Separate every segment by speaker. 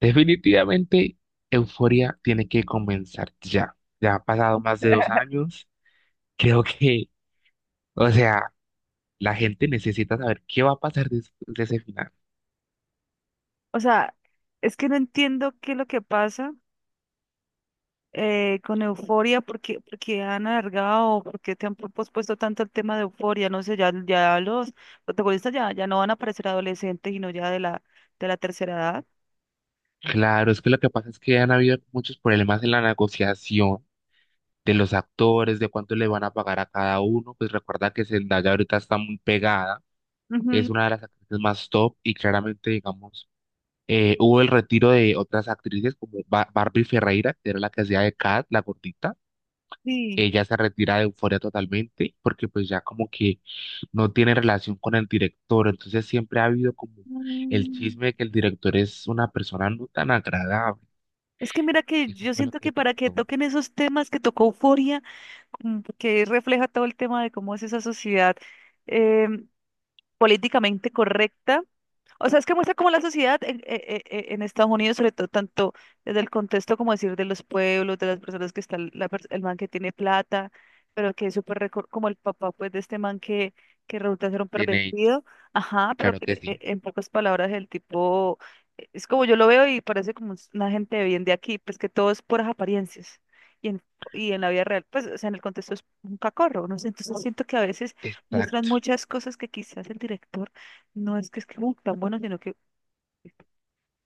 Speaker 1: Definitivamente, Euforia tiene que comenzar ya. Ya han pasado más de 2 años. Creo que, o sea, la gente necesita saber qué va a pasar de ese final.
Speaker 2: O sea, es que no entiendo qué es lo que pasa con Euforia, porque han alargado, porque te han pospuesto tanto el tema de Euforia. No sé, ya los protagonistas ya no van a parecer adolescentes, sino ya de la tercera edad.
Speaker 1: Claro, es que lo que pasa es que han habido muchos problemas en la negociación de los actores, de cuánto le van a pagar a cada uno. Pues recuerda que Zendaya ahorita está muy pegada. Es
Speaker 2: Ujú,
Speaker 1: una de las actrices más top y claramente, digamos, hubo el retiro de otras actrices como Barbie Ferreira, que era la que hacía de Kat, la gordita.
Speaker 2: sí.
Speaker 1: Ella se retira de Euforia totalmente porque pues ya como que no tiene relación con el director, entonces siempre ha habido como el
Speaker 2: Mm.
Speaker 1: chisme de que el director es una persona no tan agradable.
Speaker 2: Es que mira que
Speaker 1: Eso
Speaker 2: yo
Speaker 1: fue lo
Speaker 2: siento
Speaker 1: que
Speaker 2: que para que
Speaker 1: pasó
Speaker 2: toquen esos temas que tocó Euforia, que refleja todo el tema de cómo es esa sociedad, em, políticamente correcta. O sea, es que muestra cómo la sociedad en, e- e- e- en Estados Unidos, sobre todo tanto desde el contexto, como decir, de los pueblos, de las personas que están, el man que tiene plata, pero que es súper, como el papá, pues, de este man que resulta ser un
Speaker 1: de Nate,
Speaker 2: pervertido. Ajá, pero
Speaker 1: claro que sí,
Speaker 2: en pocas palabras el tipo, es como yo lo veo y parece como una gente bien de aquí, pues que todo es puras apariencias. Y en, y en la vida real, pues, o sea, en el contexto es un cacorro, ¿no? Entonces siento que a veces muestran
Speaker 1: exacto.
Speaker 2: muchas cosas que quizás el director no es que tan bueno, sino que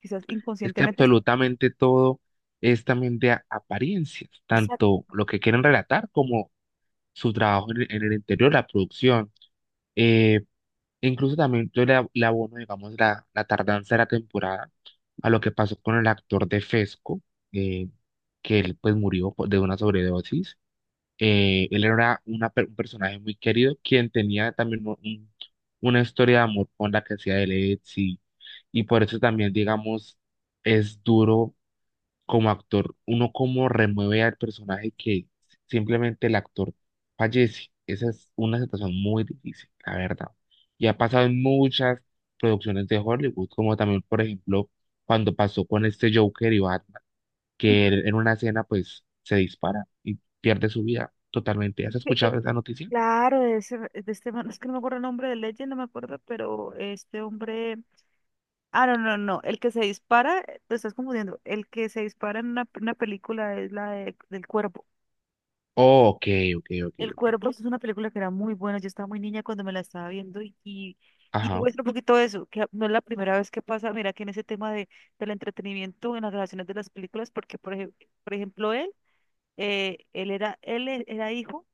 Speaker 2: quizás
Speaker 1: Es que
Speaker 2: inconscientemente está.
Speaker 1: absolutamente todo es también de apariencias,
Speaker 2: Exacto.
Speaker 1: tanto lo que quieren relatar como su trabajo en el interior, la producción. Eh, Incluso también yo le abono, digamos, la tardanza de la temporada a lo que pasó con el actor de Fesco, eh, que él pues murió de una sobredosis. Él era un personaje muy querido, quien tenía también una historia de amor con la que hacía de Lexi, y por eso también, digamos, es duro como actor, uno cómo remueve al personaje que simplemente el actor fallece. Esa es una situación muy difícil, la verdad. Y ha pasado en muchas producciones de Hollywood, como también, por ejemplo, cuando pasó con este Joker y Batman, que él en una escena pues se dispara y pierde su vida totalmente.
Speaker 2: Es
Speaker 1: ¿Has
Speaker 2: que es-
Speaker 1: escuchado esa noticia?
Speaker 2: claro, de, ese, de este man, es que no me acuerdo el nombre de Legend, no me acuerdo, pero este hombre. Ah, no, no, no, el que se dispara, te estás confundiendo. El que se dispara en una película es la del cuerpo.
Speaker 1: Oh, ok, ok, ok,
Speaker 2: El
Speaker 1: ok.
Speaker 2: cuerpo es una película que era muy buena, yo estaba muy niña cuando me la estaba viendo y
Speaker 1: Ajá.
Speaker 2: muestra un poquito de eso, que no es la primera vez que pasa, mira que en ese tema del entretenimiento, en las relaciones de las películas, porque por ejemplo, él. Él era, era hijo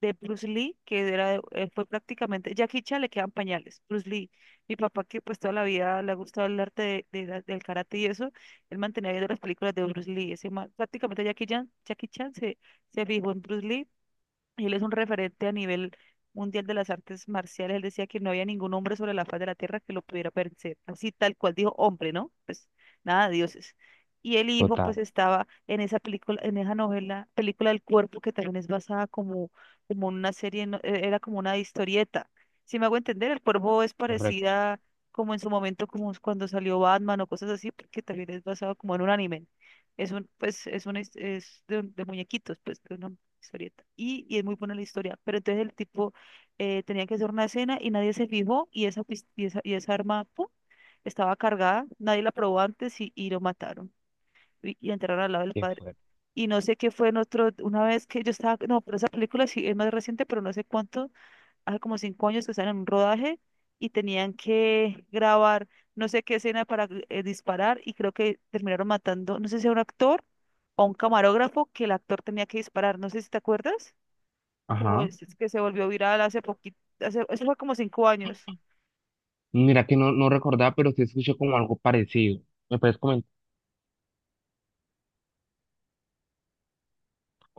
Speaker 2: de Bruce Lee, que era, fue prácticamente, Jackie Chan le quedan pañales, Bruce Lee. Mi papá, que pues toda la vida le ha gustado el arte de, del karate y eso, él mantenía viendo las películas de Bruce Lee. Ese man prácticamente Jackie Chan se fijó en Bruce Lee. Él es un referente a nivel mundial de las artes marciales. Él decía que no había ningún hombre sobre la faz de la tierra que lo pudiera vencer. Así tal cual dijo hombre, ¿no? Pues nada, dioses. Y el hijo
Speaker 1: Total,
Speaker 2: pues estaba en esa película, en esa novela, película del cuerpo, que también es basada como una serie, era como una historieta. Si me hago entender, el cuervo es
Speaker 1: correcto,
Speaker 2: parecida como en su momento, como es cuando salió Batman o cosas así, porque también es basado como en un anime. Es un, pues, es de de muñequitos, pues, de una historieta. Y es muy buena la historia. Pero entonces el tipo tenía que hacer una escena y nadie se fijó y esa, y esa, y esa arma, ¡pum!, estaba cargada, nadie la probó antes y lo mataron y enterraron al lado del
Speaker 1: qué
Speaker 2: padre.
Speaker 1: fuerte.
Speaker 2: Y no sé qué fue en otro, una vez que yo estaba, no, pero esa película sí es más reciente, pero no sé cuánto, hace como 5 años que están en un rodaje y tenían que grabar no sé qué escena para disparar y creo que terminaron matando, no sé si a un actor o a un camarógrafo que el actor tenía que disparar. No sé si te acuerdas que,
Speaker 1: Ajá.
Speaker 2: vol- que se volvió viral hace poquito, hace, eso fue como 5 años.
Speaker 1: Mira que no, no recordaba, pero sí escuché como algo parecido. ¿Me puedes comentar?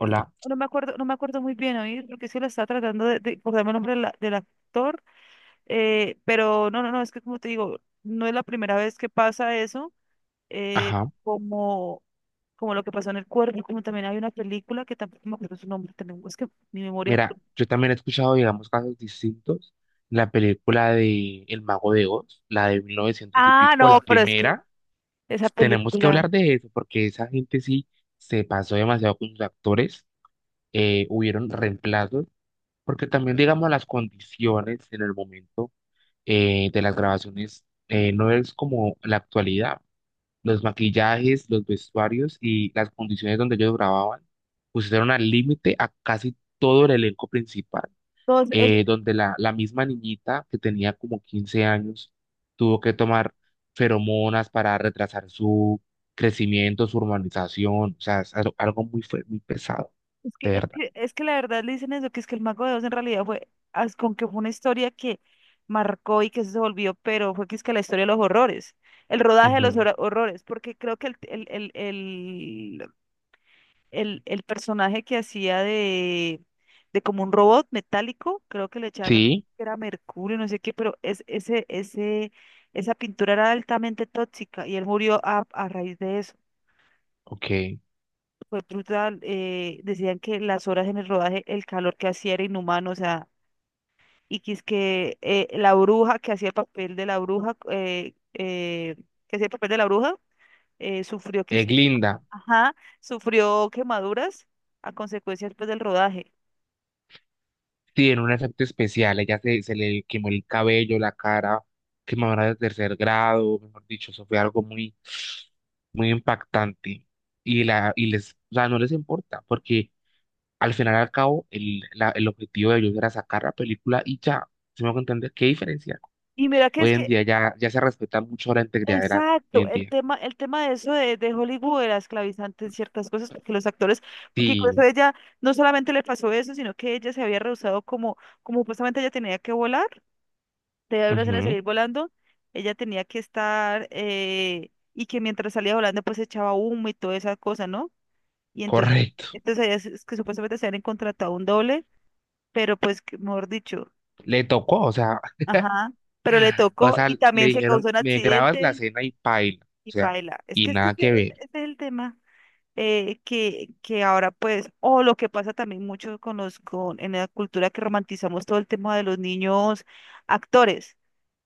Speaker 2: Es- No me acuerdo, muy bien, oí, porque sí la estaba tratando de acordarme el nombre de del actor. Pero no, no, no, es que como te digo, no es la primera vez que pasa eso. eh,
Speaker 1: Ajá.
Speaker 2: como, como, lo que pasó en el cuerpo, como también hay una película que tampoco me acuerdo su nombre, también, es que mi memoria...
Speaker 1: Mira, yo también he escuchado, digamos, casos distintos. La película de El Mago de Oz, la de 1900 y
Speaker 2: Ah,
Speaker 1: pico,
Speaker 2: no,
Speaker 1: la
Speaker 2: pero es que
Speaker 1: primera,
Speaker 2: esa
Speaker 1: tenemos que hablar
Speaker 2: película...
Speaker 1: de eso porque esa gente sí se pasó demasiado con sus actores. Hubieron reemplazos, porque también, digamos, las condiciones en el momento, de las grabaciones, no es como la actualidad. Los maquillajes, los vestuarios y las condiciones donde ellos grababan pusieron al límite a casi todo el elenco principal. Donde la misma niñita que tenía como 15 años tuvo que tomar feromonas para retrasar su crecimiento, su urbanización, o sea, es algo muy pesado,
Speaker 2: Es que,
Speaker 1: de
Speaker 2: es
Speaker 1: verdad.
Speaker 2: que, es que la verdad le dicen eso, que es que el Mago de Oz en realidad fue, con que fue una historia que marcó y que eso se volvió, pero fue que es que la historia de los horrores, el rodaje de los
Speaker 1: Ujú.
Speaker 2: horrores, porque creo que el personaje que hacía de, como un robot metálico, creo que le echaban,
Speaker 1: Sí,
Speaker 2: que era mercurio, no sé qué, pero esa pintura era altamente tóxica y él murió a raíz de eso.
Speaker 1: ok.
Speaker 2: Fue brutal. Decían que las horas en el rodaje, el calor que hacía era inhumano, o sea, y que es que la bruja que hacía el papel de la bruja, que hacía el papel de la bruja, eh, sufrió, quis-
Speaker 1: Glinda,
Speaker 2: ajá, sufrió quemaduras a consecuencias, pues, del rodaje.
Speaker 1: sí, en un efecto especial, ella se le quemó el cabello, la cara, quemadura de tercer grado, mejor dicho, eso fue algo muy, muy impactante. Y les, o sea, no les importa, porque al final y al cabo, el objetivo de ellos era sacar la película y ya, si me hago entender, ¿qué diferencia?
Speaker 2: Y mira que es
Speaker 1: Hoy en
Speaker 2: que,
Speaker 1: día ya, ya se respeta mucho la integridad de la, hoy
Speaker 2: exacto,
Speaker 1: en día.
Speaker 2: el tema de eso de Hollywood era esclavizante en ciertas cosas, porque los actores, porque incluso
Speaker 1: Sí,
Speaker 2: ella no solamente le pasó eso, sino que ella se había rehusado como, justamente ella tenía que volar, de una de
Speaker 1: ujú,
Speaker 2: salir volando. Ella tenía que estar, y que mientras salía volando pues echaba humo y toda esa cosa, ¿no? Y entonces,
Speaker 1: correcto.
Speaker 2: entonces ellas es que supuestamente se habían contratado un doble, pero pues, mejor dicho,
Speaker 1: Le tocó, o sea,
Speaker 2: ajá, pero le
Speaker 1: o
Speaker 2: tocó
Speaker 1: sea,
Speaker 2: y
Speaker 1: le
Speaker 2: también se
Speaker 1: dijeron,
Speaker 2: causó un
Speaker 1: me grabas la
Speaker 2: accidente
Speaker 1: escena y paila, o
Speaker 2: y
Speaker 1: sea,
Speaker 2: paila.
Speaker 1: y
Speaker 2: Es que
Speaker 1: nada
Speaker 2: ese,
Speaker 1: que ver.
Speaker 2: ese es el tema. Que ahora pues, o lo que pasa también mucho con los, con, en la cultura que romantizamos todo el tema de los niños actores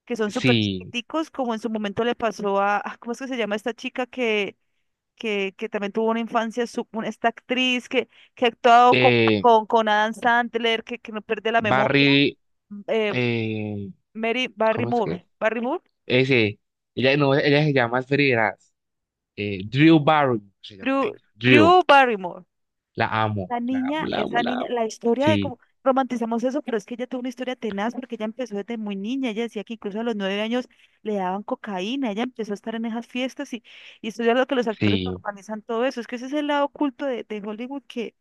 Speaker 2: que son súper
Speaker 1: Sí,
Speaker 2: chiquiticos, como en su momento le pasó a, ah, ¿cómo es que se llama esta chica que también tuvo una infancia, esta actriz que ha actuado
Speaker 1: eh,
Speaker 2: con Adam Sandler, que no pierde la memoria?
Speaker 1: Barry,
Speaker 2: eh,
Speaker 1: eh,
Speaker 2: Mary
Speaker 1: ¿cómo es que es?
Speaker 2: Barrymore, Barrymore.
Speaker 1: Ese, ella, no, ella se llama, es Drew Barry, se llama
Speaker 2: Drew,
Speaker 1: ella, Drew.
Speaker 2: Drew Barrymore.
Speaker 1: La amo,
Speaker 2: La
Speaker 1: la
Speaker 2: niña,
Speaker 1: amo, la amo,
Speaker 2: esa
Speaker 1: la
Speaker 2: niña,
Speaker 1: amo.
Speaker 2: la historia de
Speaker 1: Sí,
Speaker 2: cómo romantizamos eso, pero es que ella tuvo una historia tenaz porque ella empezó desde muy niña. Ella decía que incluso a los 9 años le daban cocaína. Ella empezó a estar en esas fiestas y estudiar lo que los actores
Speaker 1: sí,
Speaker 2: organizan todo eso. Es que ese es el lado oculto de Hollywood,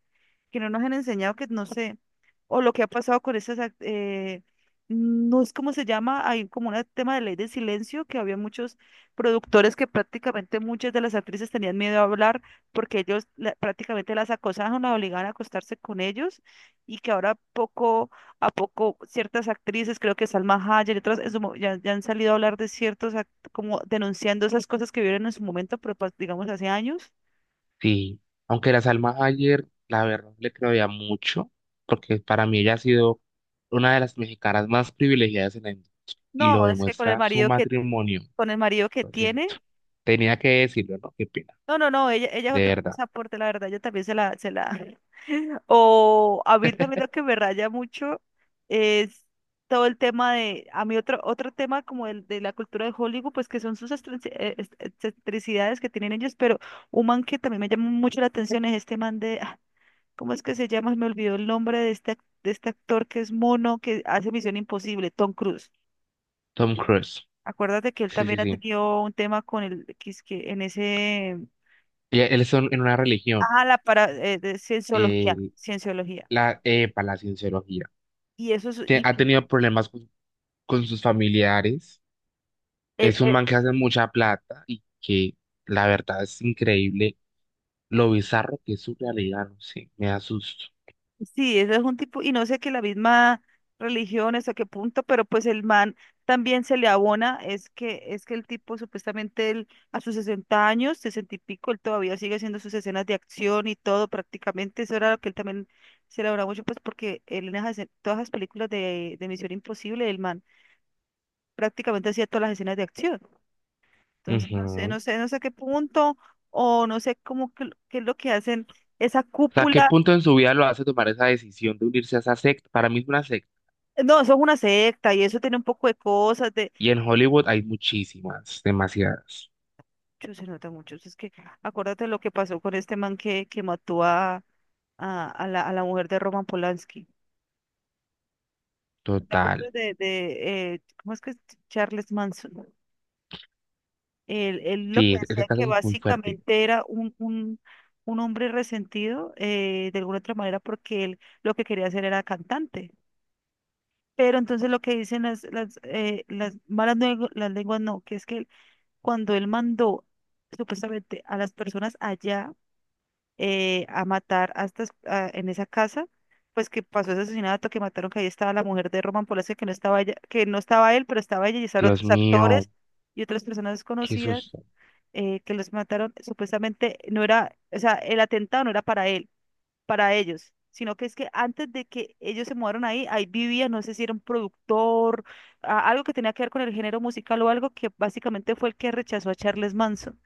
Speaker 2: que no nos han enseñado, que no sé, o lo que ha pasado con esas, no es como se llama, hay como un tema de ley del silencio, que había muchos productores que prácticamente muchas de las actrices tenían miedo a hablar porque ellos prácticamente las acosaban, las obligaban a acostarse con ellos, y que ahora poco a poco ciertas actrices, creo que Salma Hayek y otras, en su mo- ya, ya han salido a hablar de ciertos, como denunciando esas cosas que vieron en su momento, pero pues, digamos, hace años.
Speaker 1: sí. Aunque la Salma ayer, la verdad, le creía mucho, porque para mí ella ha sido una de las mexicanas más privilegiadas en la industria y
Speaker 2: No,
Speaker 1: lo
Speaker 2: es que con el
Speaker 1: demuestra su
Speaker 2: marido que
Speaker 1: matrimonio.
Speaker 2: con el marido que
Speaker 1: Lo
Speaker 2: tiene.
Speaker 1: siento. Tenía que decirlo, ¿no? Qué pena.
Speaker 2: No, no, no, ella es
Speaker 1: De
Speaker 2: otra
Speaker 1: verdad.
Speaker 2: cosa aporte, la verdad, yo también se la. O a mí también lo que me raya mucho es todo el tema de, a mí otro tema como el de la cultura de Hollywood, pues que son sus excentricidades que tienen ellos. Pero un man que también me llama mucho la atención es este man de, ah, ¿cómo es que se llama? Me olvidó el nombre de de este actor que es mono, que hace Misión Imposible, Tom Cruise.
Speaker 1: Tom Cruise.
Speaker 2: Acuérdate que él
Speaker 1: Sí, sí,
Speaker 2: también ha
Speaker 1: sí.
Speaker 2: tenido un tema con el, que es que en ese...
Speaker 1: Y él es en una religión.
Speaker 2: Ah, la para de cienciología,
Speaker 1: eh,
Speaker 2: cienciología.
Speaker 1: la, para la cienciología.
Speaker 2: Y eso es,
Speaker 1: Ha tenido problemas con sus familiares.
Speaker 2: eh,
Speaker 1: Es un
Speaker 2: eh,
Speaker 1: man que hace mucha plata y que la verdad es increíble lo bizarro que es su realidad, no sé, me asusto.
Speaker 2: sí, eso es un tipo, y no sé que la misma religión hasta qué punto, pero pues el man también se le abona, es que el tipo supuestamente él, a sus 60 años, 60 y pico, él todavía sigue haciendo sus escenas de acción y todo prácticamente. Eso era lo que él también se le abona mucho, pues porque él en esas, todas las películas de, Misión Imposible, el man prácticamente hacía todas las escenas de acción. Entonces, no sé,
Speaker 1: Ujú.
Speaker 2: no sé, no sé qué punto, o no sé cómo, qué, es lo que hacen esa
Speaker 1: O sea, ¿qué
Speaker 2: cúpula.
Speaker 1: punto en su vida lo hace tomar esa decisión de unirse a esa secta? Para mí es una secta.
Speaker 2: No, eso es una secta y eso tiene un poco de cosas de...
Speaker 1: Y en Hollywood hay muchísimas, demasiadas.
Speaker 2: Yo se nota mucho, es que acuérdate lo que pasó con este man que mató a la mujer de Roman Polanski. ¿Te
Speaker 1: Total.
Speaker 2: acuerdas de cómo es que es Charles Manson? Él lo
Speaker 1: Sí,
Speaker 2: que
Speaker 1: ese
Speaker 2: decía que
Speaker 1: caso es muy fuerte.
Speaker 2: básicamente era un, un hombre resentido, de alguna otra manera, porque él lo que quería hacer era cantante. Pero entonces lo que dicen las, las malas lengu- las lenguas no, que es que cuando él mandó supuestamente a las personas allá, a matar a en esa casa, pues que pasó ese asesinato, que mataron, que ahí estaba la mujer de Roman Polanski, que no estaba ella, que no estaba él, pero estaba ella y estaban
Speaker 1: Dios
Speaker 2: otros actores
Speaker 1: mío,
Speaker 2: y otras personas
Speaker 1: qué
Speaker 2: desconocidas,
Speaker 1: susto.
Speaker 2: que los mataron. Supuestamente no era, o sea, el atentado no era para él, para ellos, sino que es que antes de que ellos se mudaron ahí, ahí vivía, no sé si era un productor, algo que tenía que ver con el género musical o algo, que básicamente fue el que rechazó a Charles Manson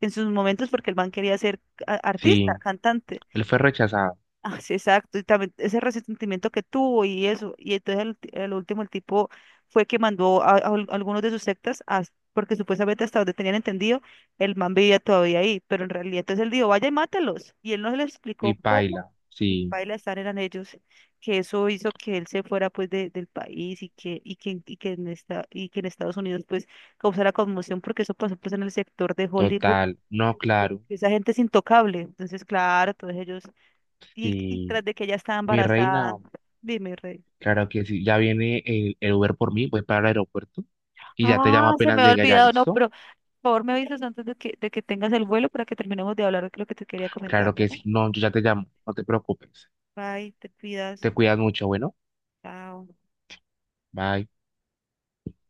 Speaker 2: en sus momentos porque el man quería ser artista,
Speaker 1: Sí,
Speaker 2: cantante.
Speaker 1: él fue rechazado
Speaker 2: Ah, sí, exacto, y también ese resentimiento que tuvo y eso. Y entonces el, el tipo fue que mandó a, algunos de sus sectas, porque supuestamente hasta donde tenían entendido, el man vivía todavía ahí, pero en realidad entonces él dijo, vaya y mátelos, y él no se le explicó
Speaker 1: y
Speaker 2: cómo,
Speaker 1: paila.
Speaker 2: y
Speaker 1: Sí,
Speaker 2: paila estar eran ellos, que eso hizo que él se fuera pues del país, y que, y que, y que en esta, y que en Estados Unidos pues causara conmoción, porque eso pasó pues en el sector de Hollywood,
Speaker 1: total. No,
Speaker 2: que
Speaker 1: claro.
Speaker 2: esa gente es intocable. Entonces claro, todos ellos,
Speaker 1: Sí,
Speaker 2: y tras de que ella estaba
Speaker 1: mi reina.
Speaker 2: embarazada. Dime, Rey.
Speaker 1: Claro que sí, ya viene el Uber por mí, voy para el aeropuerto y ya te llamo
Speaker 2: Ah, se me
Speaker 1: apenas
Speaker 2: ha
Speaker 1: llegue allá,
Speaker 2: olvidado, no,
Speaker 1: ¿listo?
Speaker 2: pero por favor me avisas antes de que tengas el vuelo para que terminemos de hablar de lo que te quería comentar,
Speaker 1: Claro
Speaker 2: ¿no?
Speaker 1: que sí, no, yo ya te llamo, no te preocupes.
Speaker 2: Bye, te cuidas.
Speaker 1: Te cuidas mucho, bueno,
Speaker 2: Chao.
Speaker 1: bye.